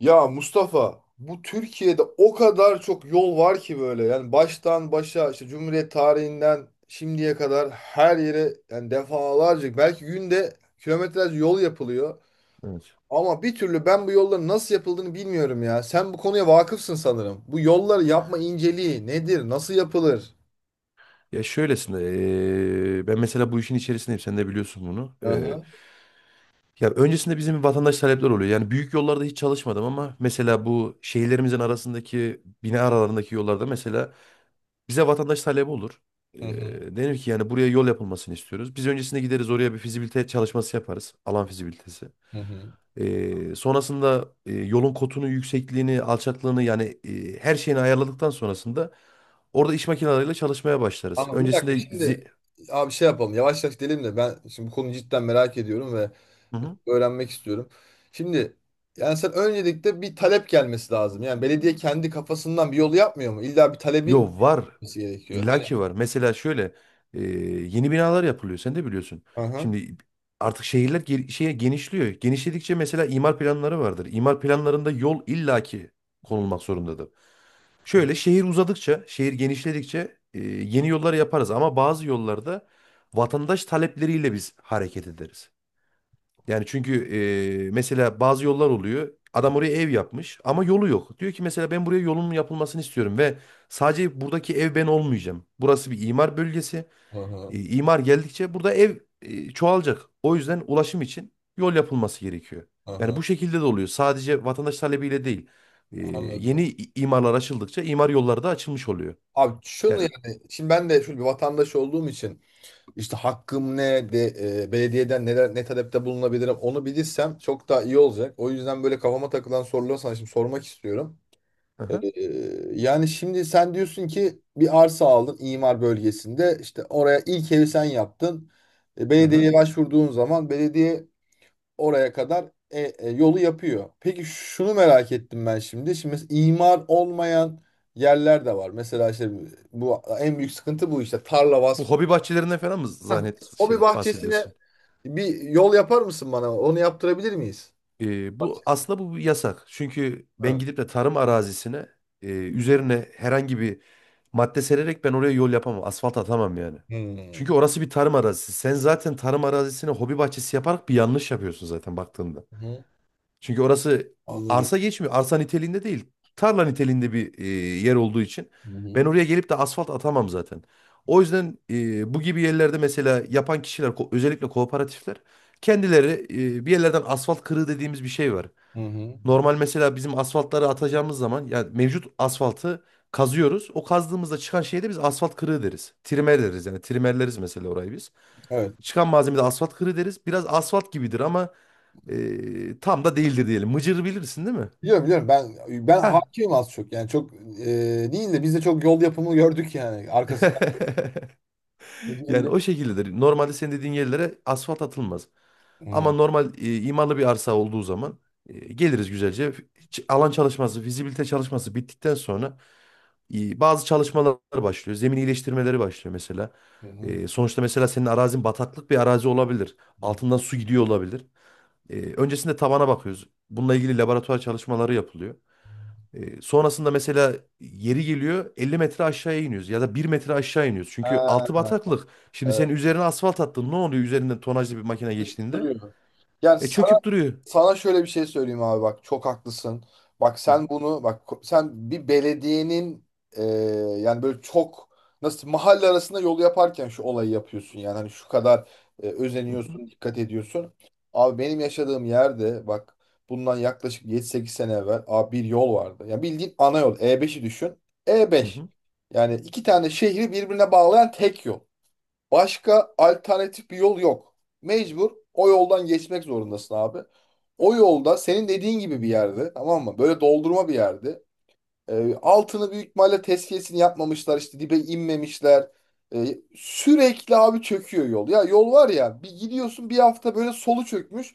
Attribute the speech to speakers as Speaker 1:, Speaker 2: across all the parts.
Speaker 1: Ya Mustafa bu Türkiye'de o kadar çok yol var ki böyle yani baştan başa işte Cumhuriyet tarihinden şimdiye kadar her yere yani defalarca belki günde kilometrelerce yol yapılıyor.
Speaker 2: Evet.
Speaker 1: Ama bir türlü ben bu yolların nasıl yapıldığını bilmiyorum ya. Sen bu konuya vakıfsın sanırım. Bu yolları yapma inceliği nedir? Nasıl yapılır?
Speaker 2: Ya şöylesine ben mesela bu işin içerisindeyim sen de biliyorsun bunu.
Speaker 1: Hı.
Speaker 2: Ya öncesinde bizim vatandaş talepler oluyor. Yani büyük yollarda hiç çalışmadım ama mesela bu şehirlerimizin arasındaki bina aralarındaki yollarda mesela bize vatandaş talebi olur.
Speaker 1: Hı hı.
Speaker 2: Denir ki yani buraya yol yapılmasını istiyoruz. Biz öncesinde gideriz oraya bir fizibilite çalışması yaparız. Alan fizibilitesi.
Speaker 1: Hı hı.
Speaker 2: Sonrasında yolun kotunu, yüksekliğini, alçaklığını yani her şeyini ayarladıktan sonrasında orada iş makineleriyle çalışmaya başlarız.
Speaker 1: Anladım. Bir
Speaker 2: Öncesinde
Speaker 1: dakika şimdi abi şey yapalım. Yavaş yavaş gidelim de ben şimdi bu konuyu cidden merak ediyorum ve
Speaker 2: hı hı.
Speaker 1: öğrenmek istiyorum. Şimdi yani sen öncelikle bir talep gelmesi lazım. Yani belediye kendi kafasından bir yolu yapmıyor mu? İlla bir talebin
Speaker 2: Yo var.
Speaker 1: olması gerekiyor.
Speaker 2: İlla
Speaker 1: Hani.
Speaker 2: ki var. Mesela şöyle e, yeni binalar yapılıyor. Sen de biliyorsun.
Speaker 1: Aha.
Speaker 2: Şimdi artık şehirler şeye genişliyor. Genişledikçe mesela imar planları vardır. İmar planlarında yol illaki konulmak zorundadır. Şöyle şehir uzadıkça, şehir genişledikçe yeni yollar yaparız. Ama bazı yollarda vatandaş talepleriyle biz hareket ederiz. Yani çünkü mesela bazı yollar oluyor. Adam oraya ev yapmış ama yolu yok. Diyor ki mesela ben buraya yolun yapılmasını istiyorum ve sadece buradaki ev ben olmayacağım. Burası bir imar bölgesi.
Speaker 1: Aha.
Speaker 2: İmar geldikçe burada ev çoğalacak. O yüzden ulaşım için yol yapılması gerekiyor. Yani
Speaker 1: Aha.
Speaker 2: bu şekilde de oluyor. Sadece vatandaş talebiyle değil. E, yeni
Speaker 1: Anladım.
Speaker 2: imarlar açıldıkça imar yolları da açılmış oluyor.
Speaker 1: Abi şunu
Speaker 2: Yani,
Speaker 1: yani şimdi ben de şöyle bir vatandaş olduğum için işte hakkım ne de belediyeden neler ne talepte bulunabilirim onu bilirsem çok daha iyi olacak. O yüzden böyle kafama takılan soruları sana şimdi sormak istiyorum. Ee,
Speaker 2: aha,
Speaker 1: yani şimdi sen diyorsun ki bir arsa aldın imar bölgesinde işte oraya ilk evi sen yaptın.
Speaker 2: aha.
Speaker 1: Belediyeye başvurduğun zaman belediye oraya kadar yolu yapıyor. Peki şunu merak ettim ben şimdi. Şimdi imar olmayan yerler de var. Mesela işte bu en büyük sıkıntı bu işte tarla
Speaker 2: Bu
Speaker 1: vasfı.
Speaker 2: hobi bahçelerinden falan mı
Speaker 1: Hah.
Speaker 2: zannet
Speaker 1: O
Speaker 2: şey
Speaker 1: bir bahçesine
Speaker 2: bahsediyorsun?
Speaker 1: bir yol yapar mısın bana? Onu yaptırabilir miyiz?
Speaker 2: Bu aslında bu bir yasak. Çünkü ben
Speaker 1: Ha.
Speaker 2: gidip de tarım arazisine üzerine herhangi bir madde sererek ben oraya yol yapamam. Asfalt atamam yani.
Speaker 1: Hmm.
Speaker 2: Çünkü orası bir tarım arazisi. Sen zaten tarım arazisine hobi bahçesi yaparak bir yanlış yapıyorsun zaten baktığında.
Speaker 1: Hı.
Speaker 2: Çünkü orası
Speaker 1: Anladım.
Speaker 2: arsa geçmiyor. Arsa niteliğinde değil. Tarla niteliğinde bir yer olduğu için
Speaker 1: Hı hı.
Speaker 2: ben oraya gelip de asfalt atamam zaten. O yüzden bu gibi yerlerde mesela yapan kişiler özellikle kooperatifler kendileri bir yerlerden asfalt kırığı dediğimiz bir şey var.
Speaker 1: Hı hı.
Speaker 2: Normal mesela bizim asfaltları atacağımız zaman yani mevcut asfaltı kazıyoruz. O kazdığımızda çıkan şeye de biz asfalt kırığı deriz. Trimer deriz yani trimerleriz mesela orayı biz.
Speaker 1: Evet.
Speaker 2: Çıkan malzeme asfalt kırığı deriz. Biraz asfalt gibidir ama tam da değildir diyelim. Mıcır bilirsin değil mi?
Speaker 1: Biliyorum biliyorum ben
Speaker 2: Ha.
Speaker 1: hakimim az çok yani çok değil de biz de çok yol yapımı gördük yani arkasından
Speaker 2: Yani o
Speaker 1: gidilebiliyor.
Speaker 2: şekildedir. Normalde senin dediğin yerlere asfalt atılmaz. Ama
Speaker 1: Hı
Speaker 2: normal imarlı bir arsa olduğu zaman geliriz güzelce. Alan çalışması, fizibilite çalışması bittikten sonra bazı çalışmalar başlıyor. Zemin iyileştirmeleri başlıyor mesela.
Speaker 1: hı.
Speaker 2: Sonuçta mesela senin arazin bataklık bir arazi olabilir.
Speaker 1: Hı.
Speaker 2: Altından su gidiyor olabilir. Öncesinde tabana bakıyoruz. Bununla ilgili laboratuvar çalışmaları yapılıyor. Sonrasında mesela yeri geliyor 50 metre aşağıya iniyoruz ya da 1 metre aşağı iniyoruz. Çünkü altı
Speaker 1: Ha,
Speaker 2: bataklık. Şimdi sen
Speaker 1: evet.
Speaker 2: üzerine asfalt attın ne oluyor üzerinden tonajlı bir makine
Speaker 1: Çünkü
Speaker 2: geçtiğinde?
Speaker 1: duruyor. Yani.
Speaker 2: E çöküp duruyor.
Speaker 1: Sana şöyle bir şey söyleyeyim abi bak çok haklısın. Bak
Speaker 2: Hı
Speaker 1: sen
Speaker 2: hı,
Speaker 1: bunu bak sen bir belediyenin e, yani böyle çok nasıl mahalle arasında yol yaparken şu olayı yapıyorsun yani hani şu kadar
Speaker 2: hı hı,
Speaker 1: özeniyorsun dikkat ediyorsun. Abi benim yaşadığım yerde bak bundan yaklaşık 7-8 sene evvel abi bir yol vardı. Yani bildiğin ana yol E5'i düşün.
Speaker 2: hı
Speaker 1: E5
Speaker 2: hı.
Speaker 1: yani iki tane şehri birbirine bağlayan tek yol. Başka alternatif bir yol yok. Mecbur o yoldan geçmek zorundasın abi. O yolda senin dediğin gibi bir yerde tamam mı? Böyle doldurma bir yerde. Altını büyük ihtimalle tezkiyesini yapmamışlar işte dibe inmemişler. Sürekli abi çöküyor yol. Ya yol var ya bir gidiyorsun bir hafta böyle solu çökmüş.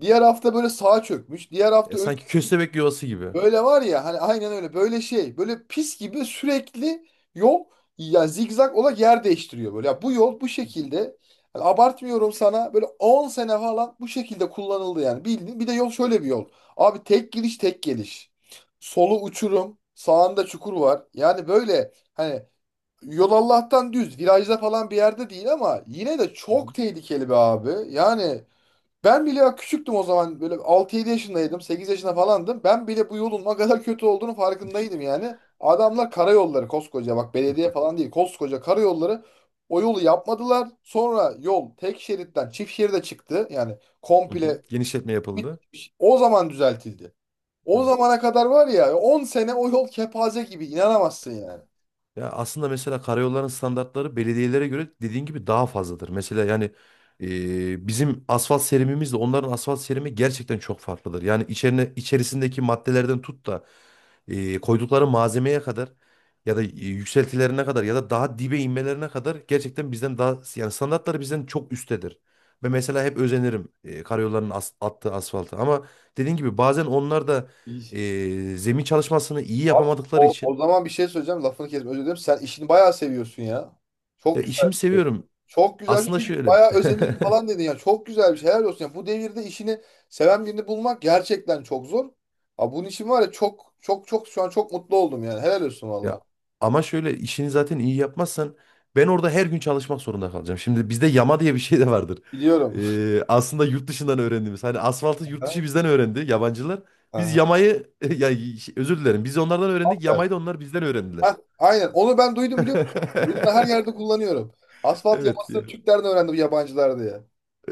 Speaker 1: Diğer hafta böyle sağa çökmüş. Diğer
Speaker 2: E,
Speaker 1: hafta.
Speaker 2: sanki köstebek yuvası gibi. Hı
Speaker 1: Böyle var ya hani aynen öyle böyle şey böyle pis gibi sürekli yol ya zigzag olarak yer değiştiriyor böyle. Ya bu yol bu şekilde hani abartmıyorum sana böyle 10 sene falan bu şekilde kullanıldı yani bildiğin. Bir de yol şöyle bir yol. Abi tek giriş tek geliş. Solu uçurum sağında çukur var. Yani böyle hani yol Allah'tan düz virajda falan bir yerde değil ama yine de
Speaker 2: hı.
Speaker 1: çok tehlikeli be abi. Yani ben bile bak küçüktüm o zaman böyle 6-7 yaşındaydım 8 yaşında falandım. Ben bile bu yolun ne kadar kötü olduğunu
Speaker 2: İşte,
Speaker 1: farkındaydım yani. Adamlar karayolları koskoca bak belediye falan değil koskoca karayolları o yolu yapmadılar. Sonra yol tek şeritten çift şeride çıktı yani
Speaker 2: hı hı.
Speaker 1: komple
Speaker 2: Genişletme yapıldı.
Speaker 1: bitmiş. O zaman düzeltildi. O
Speaker 2: Evet.
Speaker 1: zamana kadar var ya 10 sene o yol kepaze gibi inanamazsın yani.
Speaker 2: Ya aslında mesela karayolların standartları belediyelere göre dediğin gibi daha fazladır. Mesela yani bizim asfalt serimimizle onların asfalt serimi gerçekten çok farklıdır. Yani içerisindeki maddelerden tut da koydukları malzemeye kadar ya da yükseltilerine kadar ya da daha dibe inmelerine kadar gerçekten bizden daha yani standartları bizden çok üsttedir. Ve mesela hep özenirim karayolların attığı asfaltı ama dediğin gibi bazen onlar da zemin çalışmasını iyi
Speaker 1: Abi,
Speaker 2: yapamadıkları
Speaker 1: o
Speaker 2: için
Speaker 1: zaman bir şey söyleyeceğim. Lafını kesme. Özür dilerim. Sen işini bayağı seviyorsun ya.
Speaker 2: ya
Speaker 1: Çok güzel
Speaker 2: işimi
Speaker 1: bir şey.
Speaker 2: seviyorum.
Speaker 1: Çok güzel bir şey.
Speaker 2: Aslında
Speaker 1: Çünkü
Speaker 2: şöyle
Speaker 1: bayağı özenirim falan dedin ya. Çok güzel bir şey. Helal olsun. Ya. Bu devirde işini seven birini bulmak gerçekten çok zor. Ha, bunun için var ya çok çok çok şu an çok mutlu oldum yani. Helal olsun valla.
Speaker 2: ya ama şöyle işini zaten iyi yapmazsan ben orada her gün çalışmak zorunda kalacağım. Şimdi bizde yama diye bir şey de vardır.
Speaker 1: Biliyorum.
Speaker 2: Aslında yurt dışından öğrendiğimiz. Hani asfaltı yurt dışı
Speaker 1: Aha,
Speaker 2: bizden öğrendi yabancılar. Biz
Speaker 1: aha.
Speaker 2: yamayı ya şey, özür dilerim. Biz onlardan öğrendik. Yamayı da onlar bizden öğrendiler.
Speaker 1: Hah, aynen. Onu ben duydum biliyor musun? Bunu da her yerde kullanıyorum. Asfalt
Speaker 2: Evet
Speaker 1: yamasını
Speaker 2: ya.
Speaker 1: Türklerden öğrendim yabancılar diye.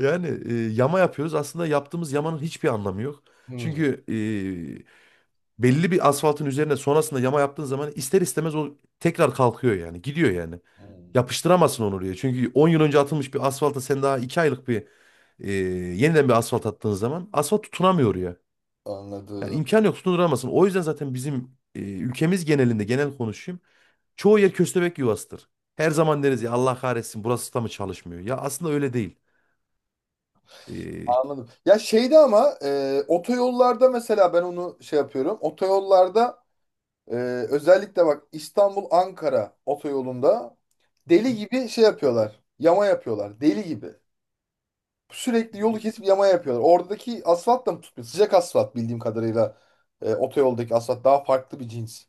Speaker 2: Yani yama yapıyoruz. Aslında yaptığımız yamanın hiçbir anlamı yok.
Speaker 1: Hmm.
Speaker 2: Çünkü belli bir asfaltın üzerine sonrasında yama yaptığın zaman ister istemez o tekrar kalkıyor yani. Gidiyor yani.
Speaker 1: Hmm.
Speaker 2: Yapıştıramazsın onu oraya. Çünkü 10 yıl önce atılmış bir asfalta sen daha 2 aylık bir yeniden bir asfalt attığın zaman asfalt tutunamıyor oraya. Yani
Speaker 1: Anladım.
Speaker 2: imkan yok tutunduramazsın. O yüzden zaten bizim ülkemiz genelinde genel konuşayım. Çoğu yer köstebek yuvasıdır. Her zaman deriz ya Allah kahretsin burası da mı çalışmıyor? Ya aslında öyle değil. E,
Speaker 1: Anladım. Ya şeyde ama otoyollarda mesela ben onu şey yapıyorum. Otoyollarda e, özellikle bak İstanbul-Ankara otoyolunda deli gibi şey yapıyorlar. Yama yapıyorlar. Deli gibi. Sürekli yolu kesip yama yapıyorlar. Oradaki asfalt da mı tutmuyor? Sıcak asfalt bildiğim kadarıyla. Otoyoldaki asfalt daha farklı bir cins.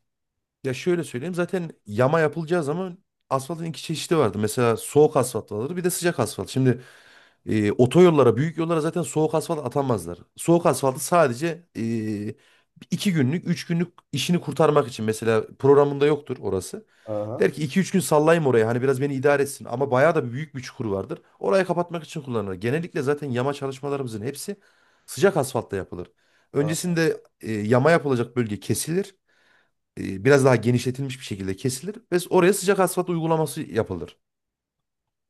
Speaker 2: ya şöyle söyleyeyim zaten yama yapılacağı zaman asfaltın iki çeşidi vardı. Mesela soğuk asfalt vardır bir de sıcak asfalt. Şimdi otoyollara, büyük yollara zaten soğuk asfalt atamazlar. Soğuk asfaltı sadece 2 günlük, 3 günlük işini kurtarmak için. Mesela programında yoktur orası.
Speaker 1: Aha,
Speaker 2: Der ki 2-3 gün sallayayım oraya hani biraz beni idare etsin. Ama bayağı da büyük bir çukur vardır. Orayı kapatmak için kullanılır. Genellikle zaten yama çalışmalarımızın hepsi sıcak asfaltta yapılır.
Speaker 1: aha,
Speaker 2: Öncesinde yama yapılacak bölge kesilir. Biraz daha genişletilmiş bir şekilde kesilir. Ve oraya sıcak asfalt uygulaması yapılır.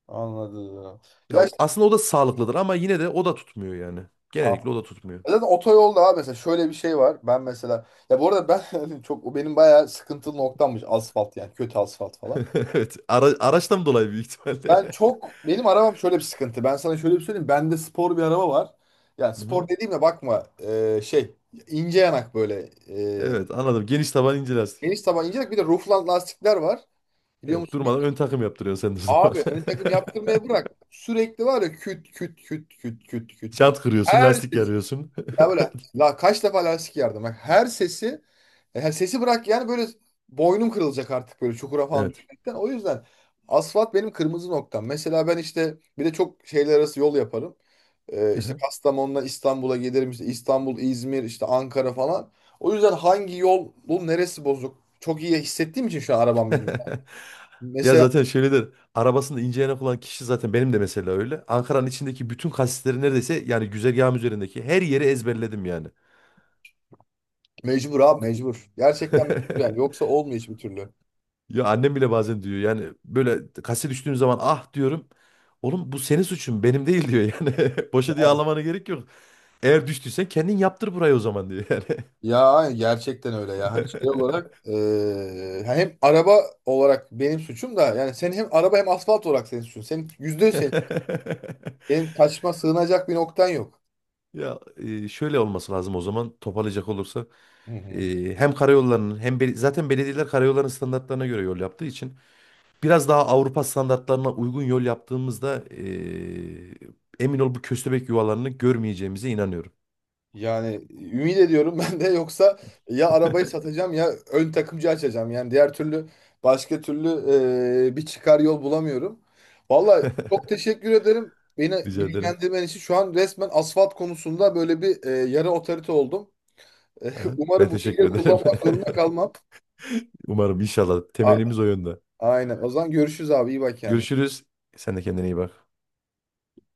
Speaker 1: anladım.
Speaker 2: Ya
Speaker 1: Ya
Speaker 2: o-
Speaker 1: işte.
Speaker 2: aslında o da sağlıklıdır ama yine de o da tutmuyor yani. Genellikle o da tutmuyor.
Speaker 1: Zaten otoyolda abi mesela şöyle bir şey var. Ben mesela ya bu arada ben hani çok o benim bayağı sıkıntılı noktammış asfalt yani kötü asfalt falan.
Speaker 2: Evet. Araçtan dolayı büyük
Speaker 1: Ben
Speaker 2: ihtimalle.
Speaker 1: çok benim arabam şöyle bir sıkıntı. Ben sana şöyle bir söyleyeyim. Bende spor bir araba var. Yani
Speaker 2: Hı
Speaker 1: spor
Speaker 2: hı.
Speaker 1: dediğime bakma ince yanak böyle e,
Speaker 2: Evet anladım. Geniş taban ince lastik.
Speaker 1: geniş taban ince yanak bir de roofland lastikler var. Biliyor
Speaker 2: Evet,
Speaker 1: musun? Bir,
Speaker 2: durmadan ön takım yaptırıyorsun sen de o
Speaker 1: abi
Speaker 2: zaman.
Speaker 1: ön takım yaptırmaya bırak. Sürekli var ya küt küt küt küt küt küt küt.
Speaker 2: Jant kırıyorsun,
Speaker 1: Her
Speaker 2: lastik
Speaker 1: şey.
Speaker 2: yarıyorsun.
Speaker 1: Ya böyle la kaç defa lastik yardım. Bak her sesi bırak yani böyle boynum kırılacak artık böyle çukura falan
Speaker 2: Evet.
Speaker 1: düşmekten. O yüzden asfalt benim kırmızı noktam. Mesela ben işte bir de çok şeyler arası yol yaparım. İşte
Speaker 2: Aha.
Speaker 1: Kastamonu'dan İstanbul'a gelirim. İşte İstanbul, İzmir, işte Ankara falan. O yüzden hangi yol, bu neresi bozuk? Çok iyi hissettiğim için şu an arabam benim.
Speaker 2: Ya
Speaker 1: Mesela
Speaker 2: zaten şöyledir. Arabasında ince yanak olan kişi zaten benim de mesela öyle. Ankara'nın içindeki bütün kasisleri neredeyse yani güzergahım üzerindeki her yeri ezberledim yani.
Speaker 1: mecbur abi mecbur. Gerçekten mecbur yani. Yoksa olmuyor hiçbir türlü.
Speaker 2: Ya annem bile bazen diyor yani böyle kase düştüğüm zaman ah diyorum. Oğlum bu senin suçun benim değil diyor yani. Boşa diye ağlamana gerek yok. Eğer düştüysen kendin yaptır burayı o zaman diyor yani.
Speaker 1: Ya gerçekten öyle ya. Hani şey olarak hem araba olarak benim suçum da yani senin hem araba hem asfalt olarak senin suçun. Senin %100 senin. Senin kaçma sığınacak bir noktan yok.
Speaker 2: Ya şöyle olması lazım o zaman toparlayacak olursa
Speaker 1: Hı hı.
Speaker 2: Hem karayollarının hem zaten belediyeler karayollarının standartlarına göre yol yaptığı için biraz daha Avrupa standartlarına uygun yol yaptığımızda emin ol bu köstebek yuvalarını görmeyeceğimize inanıyorum.
Speaker 1: Yani ümit ediyorum ben de yoksa ya arabayı satacağım ya ön takımcı açacağım. Yani diğer türlü başka türlü bir çıkar yol bulamıyorum. Vallahi çok teşekkür ederim. Beni
Speaker 2: Rica ederim.
Speaker 1: bilgilendirmen için şu an resmen asfalt konusunda böyle bir yarı otorite oldum.
Speaker 2: Aha, ben
Speaker 1: Umarım bu
Speaker 2: teşekkür
Speaker 1: bilgileri
Speaker 2: ederim.
Speaker 1: kullanmak zorunda kalmam.
Speaker 2: Umarım inşallah
Speaker 1: A-
Speaker 2: temennimiz o yönde.
Speaker 1: Aynen. O zaman görüşürüz abi. İyi bak kendine.
Speaker 2: Görüşürüz. Sen de kendine iyi bak.